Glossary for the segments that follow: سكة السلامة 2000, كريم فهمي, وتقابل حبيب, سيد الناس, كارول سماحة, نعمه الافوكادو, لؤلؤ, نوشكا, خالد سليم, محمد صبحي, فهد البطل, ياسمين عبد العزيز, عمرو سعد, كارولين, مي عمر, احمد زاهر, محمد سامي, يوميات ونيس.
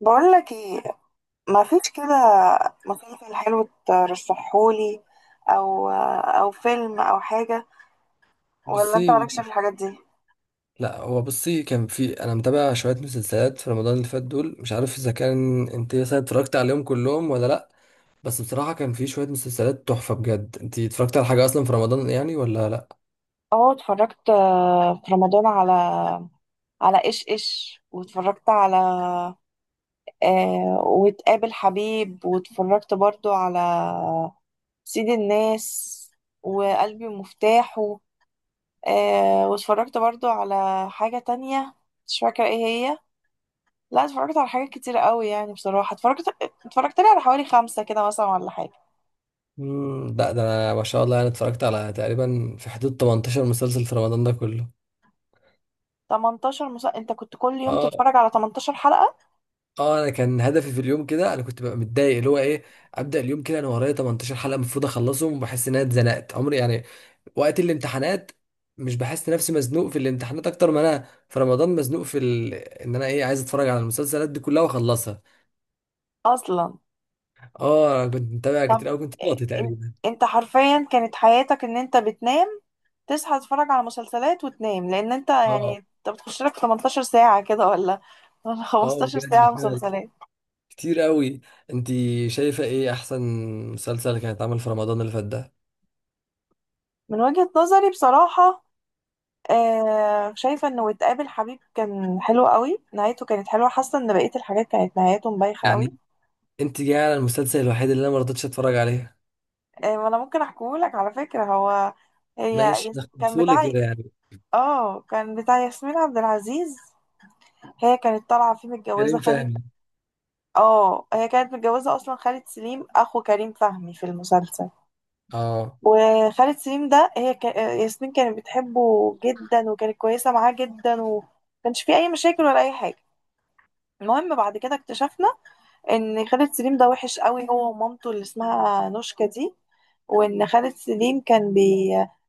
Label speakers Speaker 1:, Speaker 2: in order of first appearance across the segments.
Speaker 1: بقول لك ايه؟ ما فيش كده مسلسل حلو ترشحهولي، او او فيلم او حاجه؟ ولا انت
Speaker 2: بصي.
Speaker 1: مالكش في الحاجات دي؟
Speaker 2: لا، هو بصي، كان في انا متابع شويه مسلسلات في رمضان اللي فات دول. مش عارف اذا كان انت مثلا اتفرجت عليهم كلهم ولا لا. بس بصراحه كان في شويه مسلسلات تحفه بجد. انت اتفرجت على حاجه اصلا في رمضان يعني ولا لا؟
Speaker 1: اه اتفرجت في رمضان على ايش ايش، واتفرجت على آه وتقابل حبيب، واتفرجت برضو على سيد الناس وقلبي ومفتاحه. واتفرجت برضو على حاجة تانية، مش فاكرة ايه هي. لا اتفرجت على حاجات كتير قوي، يعني بصراحة اتفرجت لي على حوالي خمسة كده مثلا ولا حاجة.
Speaker 2: لا، ده انا ما شاء الله انا اتفرجت على تقريبا في حدود 18 مسلسل في رمضان ده كله.
Speaker 1: 18 مسلسل؟ انت كنت كل يوم
Speaker 2: اه.
Speaker 1: تتفرج على 18 حلقة؟
Speaker 2: اه انا كان هدفي في اليوم كده، انا كنت ببقى متضايق اللي هو ايه. ابدا اليوم كده انا ورايا 18 حلقه المفروض اخلصهم، وبحس ان انا اتزنقت عمري يعني وقت الامتحانات. مش بحس نفسي مزنوق في الامتحانات اكتر ما انا في رمضان مزنوق ان انا ايه عايز اتفرج على المسلسلات دي كلها واخلصها.
Speaker 1: اصلا؟
Speaker 2: اه انا كنت متابع
Speaker 1: طب
Speaker 2: كتير قوي، كنت فاضي
Speaker 1: ان-
Speaker 2: تقريبا.
Speaker 1: انت حرفيا كانت حياتك ان انت بتنام، تصحى تتفرج على مسلسلات وتنام، لان انت يعني
Speaker 2: اه
Speaker 1: انت بتخش لك 18 ساعة كده ولا ولا
Speaker 2: اه
Speaker 1: 15
Speaker 2: بجد
Speaker 1: ساعة
Speaker 2: فعلا،
Speaker 1: مسلسلات؟
Speaker 2: كتير قوي. انت شايفه ايه احسن مسلسل كان اتعمل في رمضان اللي فات ده؟
Speaker 1: من وجهة نظري بصراحة، شايفة انه وتقابل حبيب كان حلو قوي، نهايته كانت حلوة. حاسة ان بقية الحاجات كانت نهايته مبايخة قوي.
Speaker 2: يعني انت جايه على المسلسل الوحيد اللي انا ما رضيتش اتفرج عليه.
Speaker 1: إيه، ما انا ممكن احكيهولك على فكرة. هو
Speaker 2: ماشي،
Speaker 1: كان
Speaker 2: نخلصه لي
Speaker 1: بتاع،
Speaker 2: كده يعني.
Speaker 1: اه كان بتاع ياسمين عبد العزيز. هي كانت طالعة فيه متجوزة
Speaker 2: كريم
Speaker 1: خالد.
Speaker 2: فهمي.
Speaker 1: اه هي كانت متجوزة اصلا خالد سليم، اخو كريم فهمي في المسلسل.
Speaker 2: اه
Speaker 1: وخالد سليم ده هي ك... آه، ياسمين كانت بتحبه جدا، وكانت كويسة معاه جدا، ومكانش فيه اي مشاكل ولا اي حاجة. المهم بعد كده اكتشفنا ان خالد سليم ده وحش قوي هو ومامته اللي اسمها نوشكا دي. وان خالد سليم كان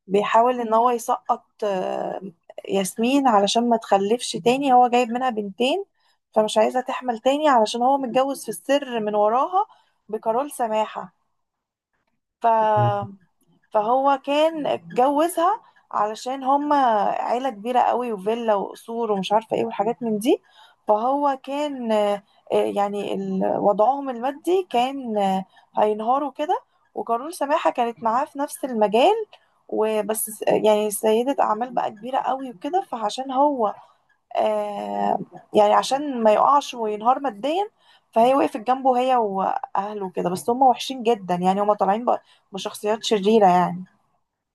Speaker 1: بيحاول ان هو يسقط ياسمين علشان ما تخلفش تاني، هو جايب منها بنتين، فمش عايزة تحمل تاني، علشان هو متجوز في السر من وراها بكارول سماحة. ف فهو كان اتجوزها علشان هما عيلة كبيرة قوي وفيلا وقصور ومش عارفة ايه والحاجات من دي. فهو كان يعني وضعهم المادي كان هينهاروا كده. وكارول سماحة كانت معاه في نفس المجال، يعني سيدة أعمال بقى كبيرة قوي وكده، فعشان هو آه يعني عشان ما يقعش وينهار ماديا، فهي وقفت جنبه هي وأهله كده. بس هم وحشين جدا، يعني هم طالعين بشخصيات شريرة يعني.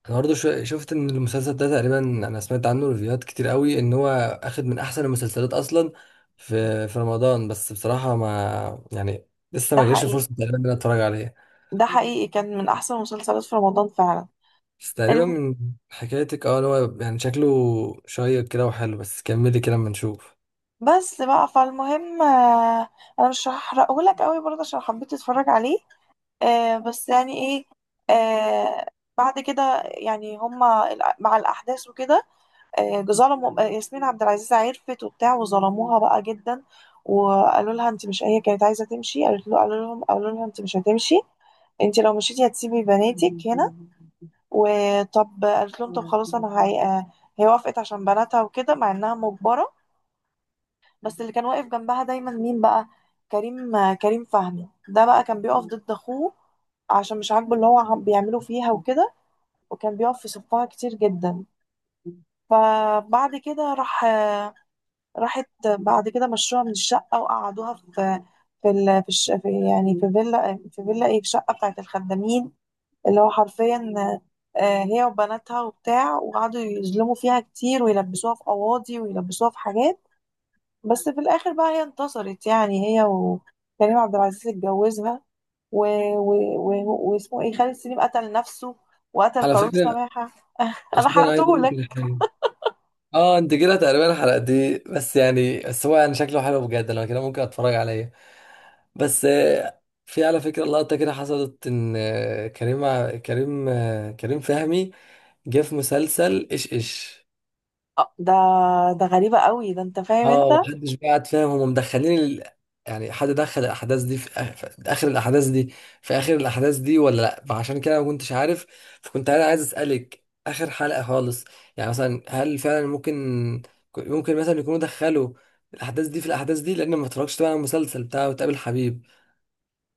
Speaker 2: انا برضه شفت ان المسلسل ده تقريبا انا سمعت عنه ريفيوهات كتير قوي، ان هو اخد من احسن المسلسلات اصلا في رمضان. بس بصراحه ما يعني، لسه
Speaker 1: ده
Speaker 2: ما جاش
Speaker 1: حقيقي،
Speaker 2: فرصه تقريبا ان انا اتفرج عليه.
Speaker 1: ده حقيقي كان من احسن المسلسلات في رمضان فعلا.
Speaker 2: بس تقريبا
Speaker 1: الم...
Speaker 2: من حكايتك اه، إن هو يعني شكله شيق كده وحلو. بس كملي كده اما نشوف.
Speaker 1: بس بقى فالمهم انا مش هحرقه لك قوي برضه عشان حبيت اتفرج عليه. بس يعني ايه، آه، بعد كده يعني هما مع الاحداث وكده ظلموا ياسمين عبد العزيز، عرفت وبتاع وظلموها بقى جدا. وقالوا لها انت مش، هي كانت عايزه تمشي، قالت له قالوا لهم قالوا لها انت مش هتمشي، انت لو مشيتي هتسيبي بناتك هنا. وطب قالت لهم طب خلاص، انا هي... آه، هي وافقت عشان بناتها وكده مع انها مجبره. بس اللي كان واقف جنبها دايما مين بقى؟ كريم، كريم فهمي ده بقى، كان بيقف ضد اخوه عشان مش عاجبه اللي هو بيعمله فيها وكده، وكان بيقف في صفها كتير جدا. فبعد كده راح راحت بعد كده، مشوها من الشقة وقعدوها في في ال... في, الش... في يعني في فيلا في فيلا ايه في شقة بتاعت الخدامين، اللي هو حرفيا هي وبناتها وبتاع. وقعدوا يظلموا فيها كتير، ويلبسوها في قواضي، ويلبسوها في حاجات. بس في الآخر بقى هي انتصرت، يعني هي وكريم عبد العزيز اتجوزها. و... و... واسمه ايه خالد سليم قتل نفسه وقتل
Speaker 2: على
Speaker 1: قارون
Speaker 2: فكره
Speaker 1: سماحة.
Speaker 2: على
Speaker 1: أنا
Speaker 2: فكره انا عايز
Speaker 1: حرقته
Speaker 2: اقول لك
Speaker 1: لك.
Speaker 2: على حاجه. اه انت كده تقريبا الحلقه دي، بس يعني بس هو يعني شكله حلو بجد، لو كده ممكن اتفرج عليه. بس في على فكرة لقطة كده حصلت إن آه، كريم ع- كريم آه، كريم فهمي جه في مسلسل إيش إيش.
Speaker 1: آه، ده ده غريبة قوي، ده انت فاهم انت.
Speaker 2: اه محدش بقى قاعد فاهم، هما مدخلين يعني حد دخل الأحداث دي في آخر الأحداث دي ولا لأ؟ فعشان كده ما كنتش عارف. فكنت أنا عايز أسألك آخر حلقة خالص، يعني مثلا هل فعلا ممكن مثلا يكونوا دخلوا الأحداث دي؟ لأن ما اتفرجتش طبعا على المسلسل بتاعه وتقابل حبيب.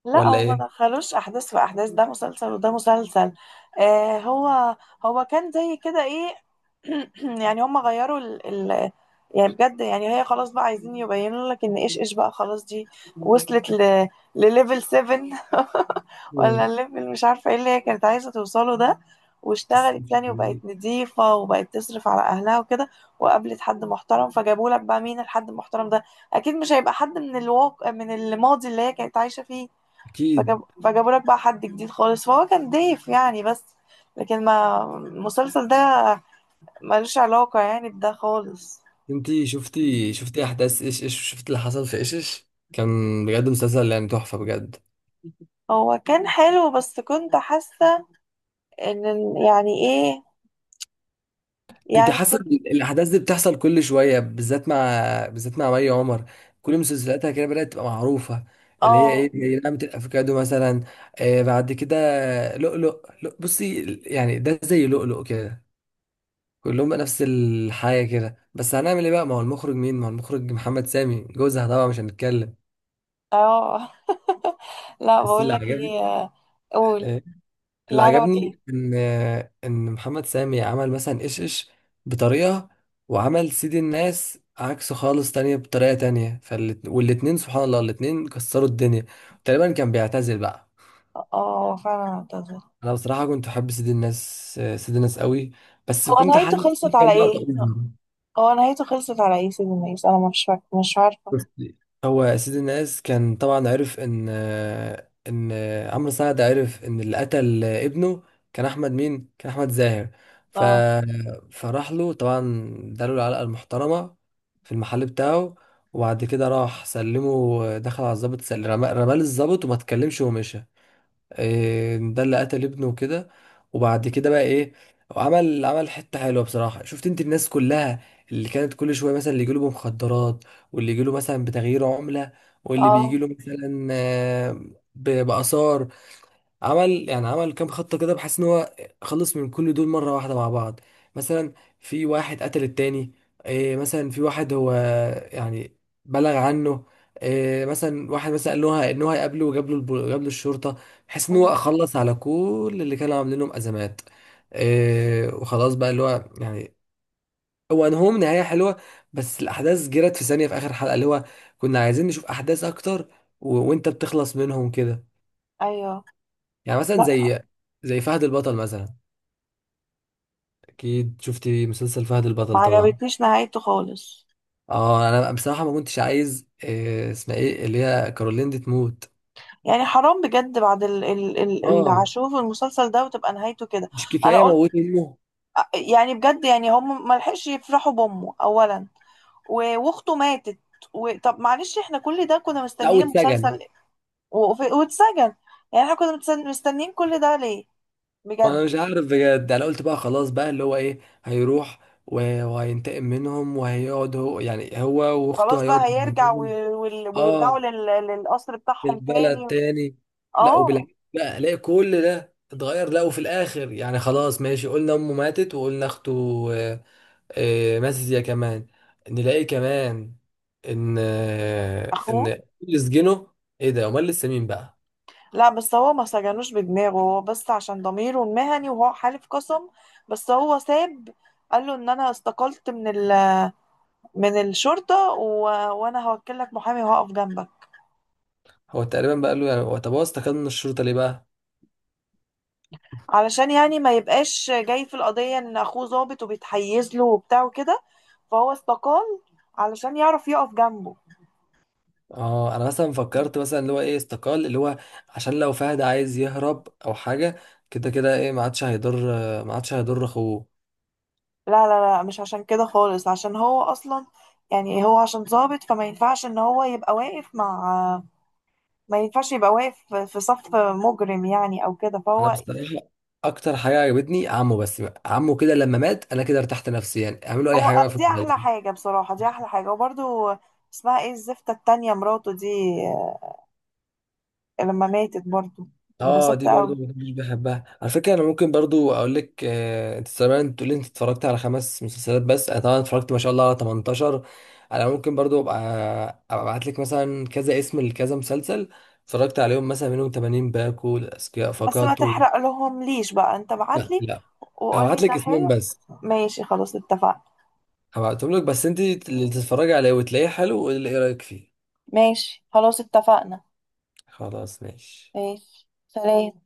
Speaker 1: لا
Speaker 2: ولا
Speaker 1: هو ما
Speaker 2: إيه؟
Speaker 1: دخلوش احداث في احداث، ده مسلسل وده مسلسل. آه، هو كان زي كده ايه. يعني هم غيروا ال ال يعني بجد، يعني هي خلاص بقى عايزين يبينوا لك ان ايش ايش بقى خلاص دي وصلت لليفل 7 ولا
Speaker 2: مم.
Speaker 1: الليفل مش عارفه ايه اللي هي كانت عايزه توصله ده.
Speaker 2: بس
Speaker 1: واشتغلت يعني، وبقت نضيفة، وبقت تصرف على أهلها وكده. وقابلت حد محترم، فجابوا لك بقى مين الحد المحترم ده؟ أكيد مش هيبقى حد من الواقع من الماضي اللي هي كانت عايشة فيه.
Speaker 2: اكيد،
Speaker 1: فجابوا لك بقى حد جديد خالص، فهو كان ضيف يعني. بس لكن ما المسلسل ده ملوش علاقة يعني بده خالص.
Speaker 2: انتي شفتي احداث ايش ايش؟ شفتي اللي حصل في ايش ايش كان؟ بجد مسلسل يعني تحفه بجد.
Speaker 1: هو كان حلو، بس كنت حاسة ان يعني ايه،
Speaker 2: انت
Speaker 1: يعني
Speaker 2: حاسه
Speaker 1: كنت.
Speaker 2: إن الاحداث دي بتحصل كل شويه بالذات مع مي عمر. كل مسلسلاتها كده بدات تبقى معروفه، اللي هي
Speaker 1: اه.
Speaker 2: ايه زي نعمه الافوكادو مثلا. بعد كده لؤلؤ، بصي يعني ده زي لؤلؤ كده. كلهم بقى نفس الحاجه كده، بس هنعمل ايه بقى؟ ما هو المخرج مين؟ ما هو المخرج محمد سامي جوزها، طبعا مش هنتكلم.
Speaker 1: اه. لا
Speaker 2: بس
Speaker 1: بقول
Speaker 2: اللي
Speaker 1: لك
Speaker 2: عجبني،
Speaker 1: ايه قول.
Speaker 2: آه،
Speaker 1: اللي
Speaker 2: اللي
Speaker 1: عجبك ايه؟
Speaker 2: عجبني ان ان محمد سامي عمل مثلا ايش ايش بطريقه، وعمل سيد الناس عكسه خالص، تانية بطريقه تانية. والاتنين سبحان الله الاتنين كسروا الدنيا. تقريبا كان بيعتزل بقى.
Speaker 1: اه فعلا اعتذر.
Speaker 2: انا بصراحه كنت احب سيد الناس، سيد الناس قوي. بس
Speaker 1: هو
Speaker 2: كنت
Speaker 1: نهايته
Speaker 2: حاسس في
Speaker 1: خلصت
Speaker 2: كام
Speaker 1: على
Speaker 2: لقطه.
Speaker 1: ايه؟ هو نهايته خلصت على ايه سيدي الناس؟ انا مش عارفة.
Speaker 2: بس هو سيد الناس كان طبعا عرف ان عمرو سعد عرف ان اللي قتل ابنه كان احمد مين؟ كان احمد زاهر. ف
Speaker 1: اه.
Speaker 2: فراح له طبعا، اداله العلقه المحترمه في المحل بتاعه. وبعد كده راح سلمه، دخل على الضابط، سل- رمى رماه للضابط وما اتكلمش ومشى. إيه، ده اللي قتل ابنه وكده. وبعد كده بقى ايه، عمل حته حلوه بصراحه. شفت انت الناس كلها اللي كانت كل شويه، مثلا اللي يجيله بمخدرات، واللي يجيله مثلا بتغيير عمله، واللي
Speaker 1: اه.
Speaker 2: بيجيله مثلا باثار، عمل يعني عمل كام خطة كده، بحيث ان هو خلص من كل دول مرة واحدة مع بعض. مثلا في واحد قتل التاني، إيه مثلا في واحد هو يعني بلغ عنه، إيه مثلا واحد مثلا قال له ان هو هيقابله وجاب له الب- جاب له الشرطة، بحيث ان هو
Speaker 1: مم.
Speaker 2: خلص على كل اللي كانوا عاملين لهم ازمات. إيه وخلاص بقى اللي هو يعني، هو انهم نهاية حلوة. بس الاحداث جرت في ثانية في اخر حلقة، اللي هو كنا عايزين نشوف احداث اكتر، و... وانت بتخلص منهم كده.
Speaker 1: ايوه.
Speaker 2: يعني مثلا
Speaker 1: لا،
Speaker 2: زي فهد البطل مثلا. اكيد شفتي مسلسل فهد
Speaker 1: ما
Speaker 2: البطل طبعا.
Speaker 1: عجبتنيش نهايته خالص.
Speaker 2: اه انا بصراحه ما كنتش عايز إيه اسمها ايه، اللي هي كارولين دي، تموت.
Speaker 1: يعني حرام بجد، بعد ال ال ال اللي
Speaker 2: اه
Speaker 1: هشوف المسلسل ده وتبقى نهايته كده.
Speaker 2: مش
Speaker 1: انا
Speaker 2: كفايه
Speaker 1: قلت،
Speaker 2: موت امه؟
Speaker 1: يعني بجد، يعني هم ما لحقش يفرحوا بامه اولا، واخته ماتت، و... طب معلش احنا كل ده كنا
Speaker 2: لا
Speaker 1: مستنيين
Speaker 2: واتسجن.
Speaker 1: المسلسل، واتسجن. يعني احنا كنا مستنيين كل ده ليه؟ بجد.
Speaker 2: انا مش عارف بجد، انا قلت بقى خلاص بقى اللي هو ايه، هيروح وهينتقم منهم، وهيقعد هو يعني هو واخته
Speaker 1: خلاص بقى
Speaker 2: هيقعد
Speaker 1: هيرجع
Speaker 2: منهم.
Speaker 1: ويرجعوا
Speaker 2: اه
Speaker 1: للقصر بتاعهم
Speaker 2: بالبلد
Speaker 1: تاني.
Speaker 2: تاني. لا
Speaker 1: اه.
Speaker 2: وبالعكس بقى الاقي كل ده اتغير. لا وفي الاخر يعني خلاص ماشي، قلنا امه ماتت، وقلنا اخته آه، ماتت هي كمان. نلاقي كمان ان آه،
Speaker 1: اخوه.
Speaker 2: ان اللي سجنه، ايه ده؟ امال لسه مين بقى؟
Speaker 1: لا بس هو ما سجنوش بدماغه هو، بس عشان ضميره المهني وهو حالف قسم. بس هو ساب، قال له ان انا استقلت من الشرطة، و... وانا هوكل لك محامي وهقف جنبك.
Speaker 2: هو تقريبا بقى قال له يعني، هو طب هو استقال من الشرطه ليه بقى؟
Speaker 1: علشان يعني ما يبقاش جاي في القضية ان اخوه ظابط وبيتحيز له وبتاع وكده، فهو استقال علشان يعرف يقف جنبه.
Speaker 2: اه انا مثلا فكرت مثلا اللي هو ايه، استقال اللي هو عشان لو فهد عايز يهرب او حاجه، كده كده ايه ما عادش هيضر اخوه.
Speaker 1: لا لا لا، مش عشان كده خالص، عشان هو اصلا يعني هو عشان ضابط فما ينفعش ان هو يبقى واقف مع، ما ينفعش يبقى واقف في صف مجرم يعني او كده
Speaker 2: انا
Speaker 1: فهو.
Speaker 2: بصراحه اكتر حاجه عجبتني عمه، بس بقى. عمه كده لما مات انا كده ارتحت نفسيا، اعملوا اي حاجه بقى في
Speaker 1: دي احلى
Speaker 2: المسلسل.
Speaker 1: حاجة بصراحة، دي احلى حاجة. وبرضو اسمها ايه الزفتة التانية مراته دي، لما ماتت برضو
Speaker 2: اه
Speaker 1: انبسطت
Speaker 2: دي برضو
Speaker 1: قوي.
Speaker 2: ما كنتش بحبها على فكره. انا ممكن برضو اقول لك، انت زمان تقول لي انت اتفرجت على خمس مسلسلات بس، انا طبعا اتفرجت ما شاء الله على 18. انا ممكن برضو ابقى ابعت لك مثلا كذا اسم لكذا مسلسل اتفرجت عليهم، مثلا منهم 80 باكو الاذكياء
Speaker 1: بس ما
Speaker 2: فقط
Speaker 1: تحرق لهم ليش بقى، انت
Speaker 2: لا
Speaker 1: بعتلي
Speaker 2: لا، هبعت
Speaker 1: وقولي
Speaker 2: لك
Speaker 1: ده
Speaker 2: اسمهم
Speaker 1: حلو.
Speaker 2: بس.
Speaker 1: ماشي خلاص اتفقنا.
Speaker 2: هبعتهم لك بس انت اللي تتفرجي عليه وتلاقيه حلو، واللي ايه رايك فيه.
Speaker 1: ماشي خلاص اتفقنا.
Speaker 2: خلاص ماشي.
Speaker 1: ماشي، سلام.